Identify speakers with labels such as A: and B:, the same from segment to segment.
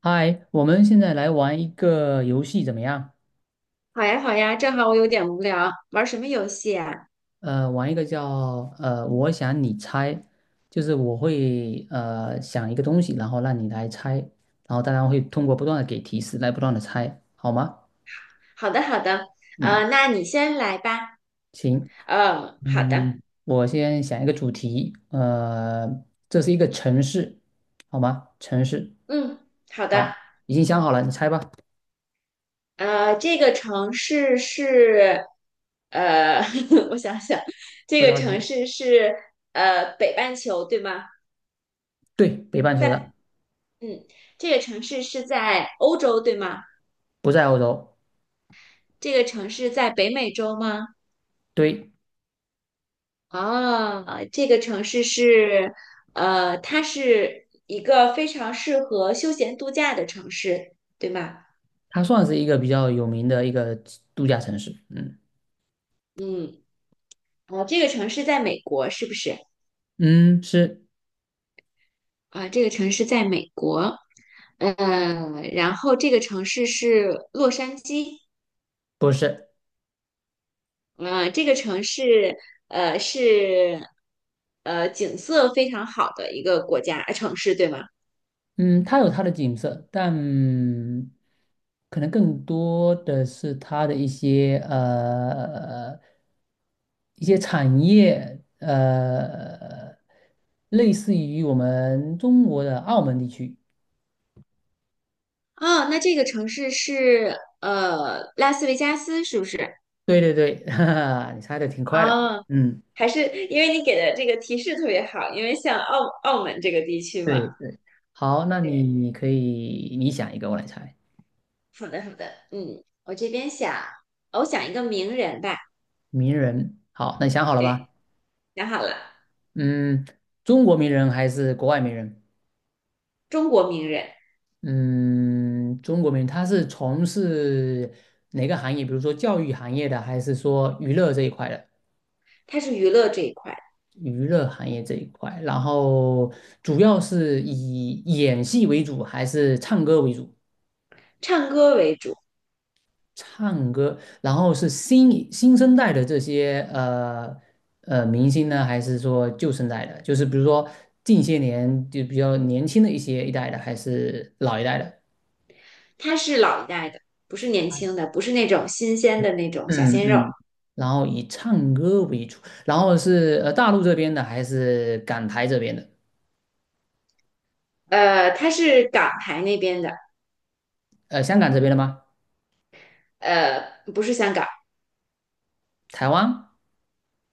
A: 嗨，我们现在来玩一个游戏怎么样？
B: 好呀，好呀，正好我有点无聊，玩什么游戏啊？
A: 玩一个叫我想你猜，就是我会想一个东西，然后让你来猜，然后大家会通过不断的给提示来不断的猜，好吗？
B: 好的，好的，
A: 嗯。
B: 那你先来吧。
A: 行。
B: 嗯，好的，
A: 嗯，我先想一个主题。这是一个城市，好吗？城市。
B: 嗯，好的。
A: 好，已经想好了，你猜吧。
B: 这个城市是，呃，我想想，这
A: 不
B: 个
A: 着
B: 城
A: 急。
B: 市是北半球对吗？
A: 对，北半球
B: 在，
A: 的。
B: 嗯，这个城市是在欧洲对吗？
A: 不在欧洲。
B: 这个城市在北美洲吗？
A: 对。
B: 啊，这个城市是，它是一个非常适合休闲度假的城市，对吗？
A: 它算是一个比较有名的一个度假城市。嗯
B: 嗯，啊，这个城市在美国是不是？
A: 嗯。是
B: 啊，这个城市在美国，嗯，然后这个城市是洛杉矶，
A: 不是？
B: 嗯，这个城市，是，景色非常好的一个国家，城市，对吗？
A: 嗯，它有它的景色，但可能更多的是它的一些一些产业，类似于我们中国的澳门地区。
B: 哦，那这个城市是，拉斯维加斯是不是？
A: 对对对，哈哈，你猜的挺快的。
B: 啊，
A: 嗯。
B: 还是因为你给的这个提示特别好，因为像澳门这个地区嘛，
A: 对对。好，那
B: 对，
A: 你可以你想一个，我来猜。
B: 好的好的，嗯，我这边想，我想一个名人吧，
A: 名人，好，那你想好了吧？
B: 对，想好了，
A: 嗯。中国名人还是国外名人？
B: 中国名人，
A: 嗯，中国名人他是从事哪个行业？比如说教育行业的，还是说娱乐这一块的？
B: 他是娱乐这一块，
A: 娱乐行业这一块，然后主要是以演戏为主，还是唱歌为主？
B: 唱歌为主，
A: 唱歌，然后是新生代的这些明星呢，还是说旧生代的？就是比如说近些年就比较年轻的一些一代的，还是老一代的？
B: 他是老一代的，不是年轻的，不是那种新鲜的那种小
A: 嗯
B: 鲜肉，
A: 嗯，然后以唱歌为主，然后是大陆这边的还是港台这边的？
B: 他是港台那边的，
A: 香港这边的吗？
B: 不是香港，
A: 台湾？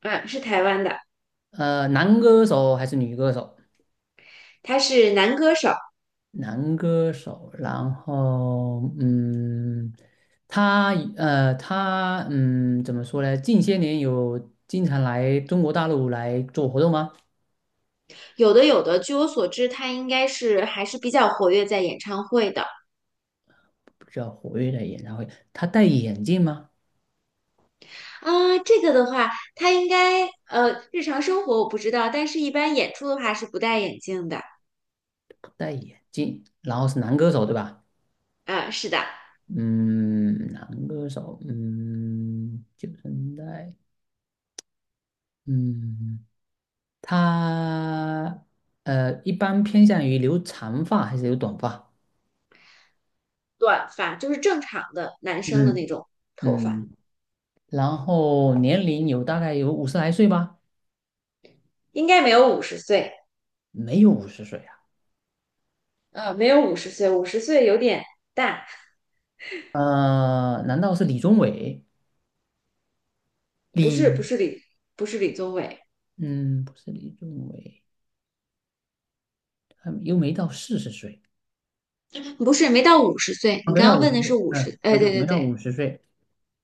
B: 嗯，是台湾的，
A: 男歌手还是女歌手？
B: 他是男歌手，
A: 男歌手，然后他他怎么说呢？近些年有经常来中国大陆来做活动吗？
B: 有的有的，据我所知，他应该是还是比较活跃在演唱会的。
A: 比较活跃的演唱会，他戴眼镜吗？
B: 啊，这个的话，他应该日常生活我不知道，但是一般演出的话是不戴眼镜的。
A: 不戴眼镜，然后是男歌手对吧？
B: 啊，是的，
A: 嗯。男歌手。嗯，90年代。嗯。他一般偏向于留长发还是留短发？
B: 短发就是正常的男生的那
A: 嗯
B: 种头发，
A: 嗯。然后年龄有大概有50来岁吧？
B: 应该没有五十岁，
A: 没有五十岁啊？
B: 没有五十岁，五十岁有点大，
A: 难道是李宗伟？
B: 不
A: 李，
B: 是不是李不是李宗伟，
A: 嗯，不是李宗伟，他又没到40岁。
B: 不是没到五十岁。
A: 啊，
B: 你
A: 没
B: 刚
A: 到
B: 刚
A: 五
B: 问
A: 十
B: 的是
A: 岁。
B: 五
A: 嗯，
B: 十，
A: 啊，
B: 哎，
A: 对，
B: 对对
A: 没到
B: 对，
A: 五十岁。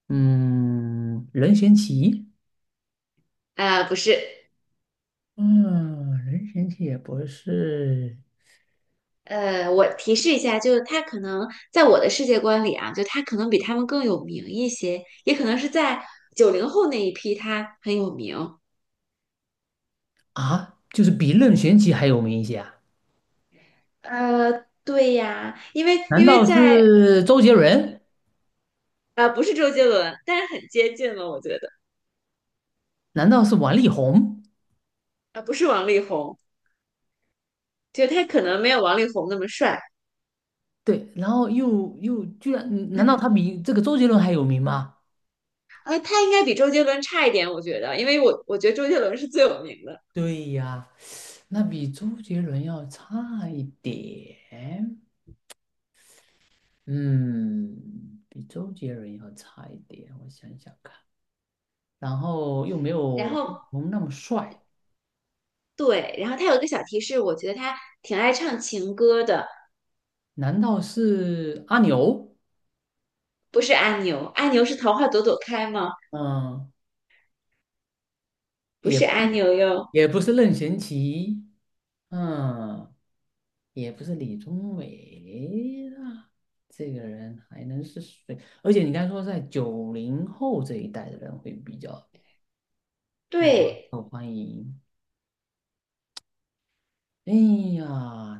A: 嗯，任贤齐。
B: 啊、不是。
A: 嗯，任贤齐也不是。
B: 我提示一下，就是他可能在我的世界观里啊，就他可能比他们更有名一些，也可能是在90后那一批他很有名。
A: 啊，就是比任贤齐还有名一些啊？
B: 对呀，因为
A: 难
B: 因为
A: 道
B: 在
A: 是周杰伦？
B: 不是周杰伦，但是很接近了，我觉得。
A: 难道是王力宏？
B: 啊、不是王力宏，就他可能没有王力宏那么帅，
A: 对，然后又居然，难道他比这个周杰伦还有名吗？
B: 他应该比周杰伦差一点，我觉得，因为我觉得周杰伦是最有名的。
A: 对呀，那比周杰伦要差一点。嗯，比周杰伦要差一点，我想想看。然后又没有
B: 然
A: 王力
B: 后
A: 宏那么帅，
B: 对，然后他有一个小提示，我觉得他挺爱唱情歌的。
A: 难道是阿牛？
B: 不是阿牛，阿牛是桃花朵朵开吗？
A: 嗯。
B: 不
A: 也
B: 是
A: 不。
B: 阿牛哟。
A: 也不是任贤齐。嗯，也不是李宗伟啊。这个人还能是谁？而且你刚才说在90后这一代的人会比较
B: 对，
A: 受欢迎。哎呀。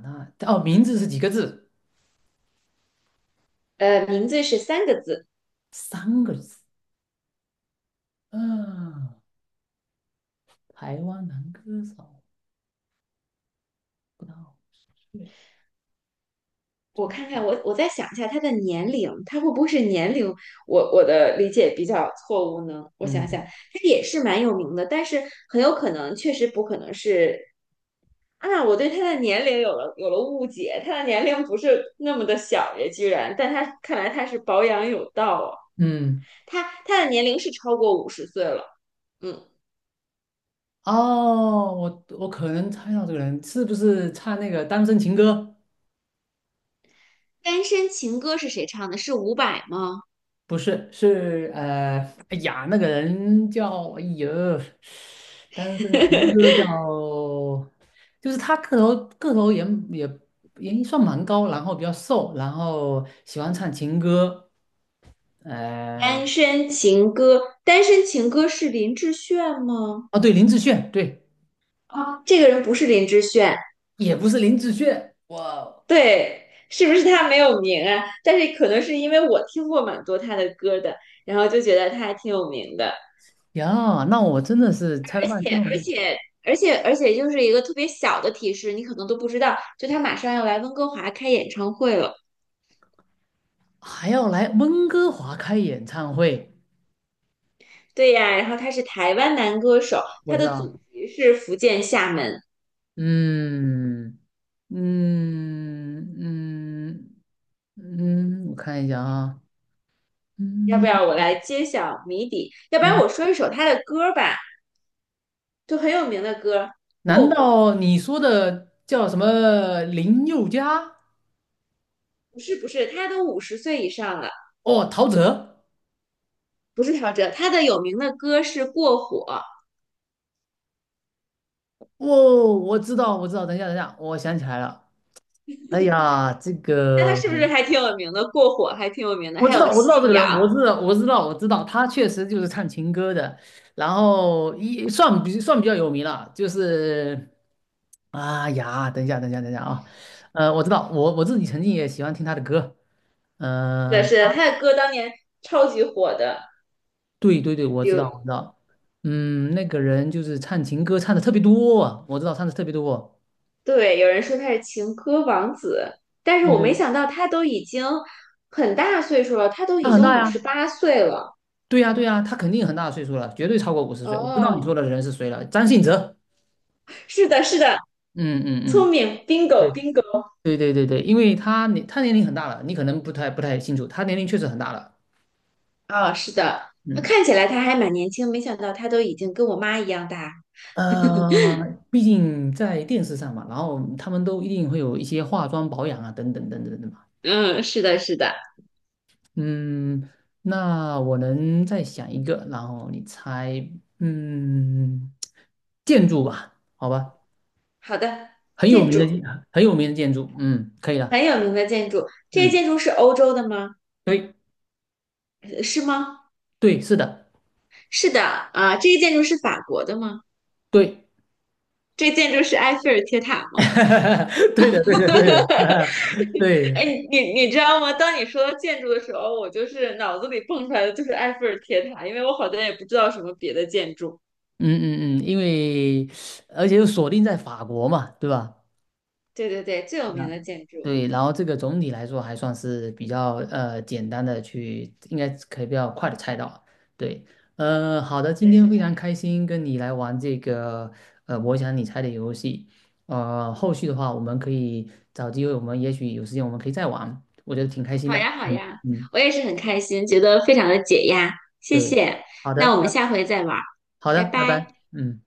A: 那哦，名字是几个字？
B: 名字是3个字。
A: 三个字。嗯。台湾男歌手，不到五十岁。
B: 我看看，我再想一下他的年龄，他会不会是年龄？我的理解比较错误呢？我想想，
A: 嗯
B: 他也是蛮有名的，但是很有可能确实不可能是啊，我对他的年龄有了误解，他的年龄不是那么的小耶，居然，但他看来他是保养有道啊，
A: 嗯。
B: 他的年龄是超过五十岁了，嗯。
A: 哦，我可能猜到这个人是不是唱那个《单身情歌》？
B: 单身情歌是谁唱的？是伍佰吗？
A: 不是，是哎呀，那个人叫，哎呦，单身情歌 叫，就是他个头也算蛮高，然后比较瘦，然后喜欢唱情歌。呃，
B: 单身情歌，单身情歌是林志炫吗？
A: 哦对，林志炫，对。
B: 啊，这个人不是林志炫，
A: 也不是林志炫。哇
B: 对，是不是他没有名啊？但是可能是因为我听过蛮多他的歌的，然后就觉得他还挺有名的，
A: 呀，那我真的是猜了
B: 而
A: 半
B: 且
A: 天，我
B: 而
A: 就
B: 且。而且就是一个特别小的提示，你可能都不知道，就他马上要来温哥华开演唱会了。
A: 还要来温哥华开演唱会，
B: 对呀，然后他是台湾男歌手，
A: 我
B: 他
A: 知
B: 的
A: 道。
B: 祖籍是福建厦门。
A: 嗯。嗯嗯嗯，我看一下啊。
B: 要不
A: 嗯
B: 要我来揭晓谜底？要不然
A: 嗯。
B: 我说一首他的歌吧，就很有名的歌过
A: 难
B: 火
A: 道你说的叫什么林宥嘉？
B: 不是不是，他都五十岁以上了，
A: 哦，陶喆。
B: 不是陶喆，他的有名的歌是《过火》，
A: 哦，我知道，我知道。等一下，等一下，我想起来了。哎呀，这
B: 那他
A: 个
B: 是不是还挺有名的？《过火》还挺有名的，
A: 我
B: 还
A: 知
B: 有
A: 道，我知道这
B: 《信
A: 个
B: 仰》，
A: 人，我知道，我知道，我知道，他确实就是唱情歌的，然后一算比算比较有名了。就是，哎呀，等一下，等一下，等一下啊。我知道，我自己曾经也喜欢听他的歌。
B: 是的，
A: 呃。
B: 是的，他的歌当年超级火的。
A: 对对对，我
B: 比
A: 知道，
B: 如，
A: 我知道。嗯，那个人就是唱情歌唱的特别多啊，我知道唱的特别多。
B: 对，有人说他是情歌王子，但是
A: 对
B: 我没
A: 对。
B: 想到他都已经很大岁数了，他都
A: 他
B: 已
A: 很
B: 经
A: 大
B: 五十
A: 呀，
B: 八岁了。
A: 对呀对呀，他肯定很大的岁数了，绝对超过五十岁。我知道你说
B: 哦，
A: 的人是谁了，张信哲。
B: 是的，是的，
A: 嗯嗯
B: 聪
A: 嗯。
B: 明
A: 对
B: ，bingo bingo。
A: 对对对对，因为他年龄很大了，你可能不太清楚，他年龄确实很大了。
B: 啊，是的，那
A: 嗯。
B: 看起来他还蛮年轻，没想到他都已经跟我妈一样大。
A: 呃，毕竟在电视上嘛，然后他们都一定会有一些化妆保养啊，等等等等等嘛。
B: 嗯，是的，是的。
A: 嗯。那我能再想一个，然后你猜。嗯，建筑吧，好吧。
B: 好的，
A: 很有
B: 建
A: 名的建，
B: 筑。
A: 很有名的建筑。嗯，可以了。
B: 很有名的建筑，这些
A: 嗯，
B: 建筑是欧洲的吗？
A: 对，
B: 呃是吗？
A: 对，是的，
B: 是的，啊，这个建筑是法国的吗？
A: 对，
B: 这建筑是埃菲尔铁塔吗？
A: 对的，对的，对的，对。
B: 哎，你你知道吗？当你说到建筑的时候，我就是脑子里蹦出来的就是埃菲尔铁塔，因为我好像也不知道什么别的建筑。
A: 嗯嗯嗯，因为而且又锁定在法国嘛，对吧？
B: 对对对，最有名的建筑。
A: 对，然后这个总体来说还算是比较简单的去，应该可以比较快的猜到。对。好的，今
B: 对，
A: 天
B: 是
A: 非
B: 的。
A: 常开心跟你来玩这个我想你猜的游戏。后续的话我们可以找机会，我们也许有时间我们可以再玩，我觉得挺开心
B: 好
A: 的。
B: 呀，好
A: 嗯
B: 呀，
A: 嗯。
B: 我也是很开心，觉得非常的解压，谢
A: 对。
B: 谢。
A: 好的，
B: 那我们下回再玩儿，拜
A: 拜
B: 拜。
A: 拜。嗯。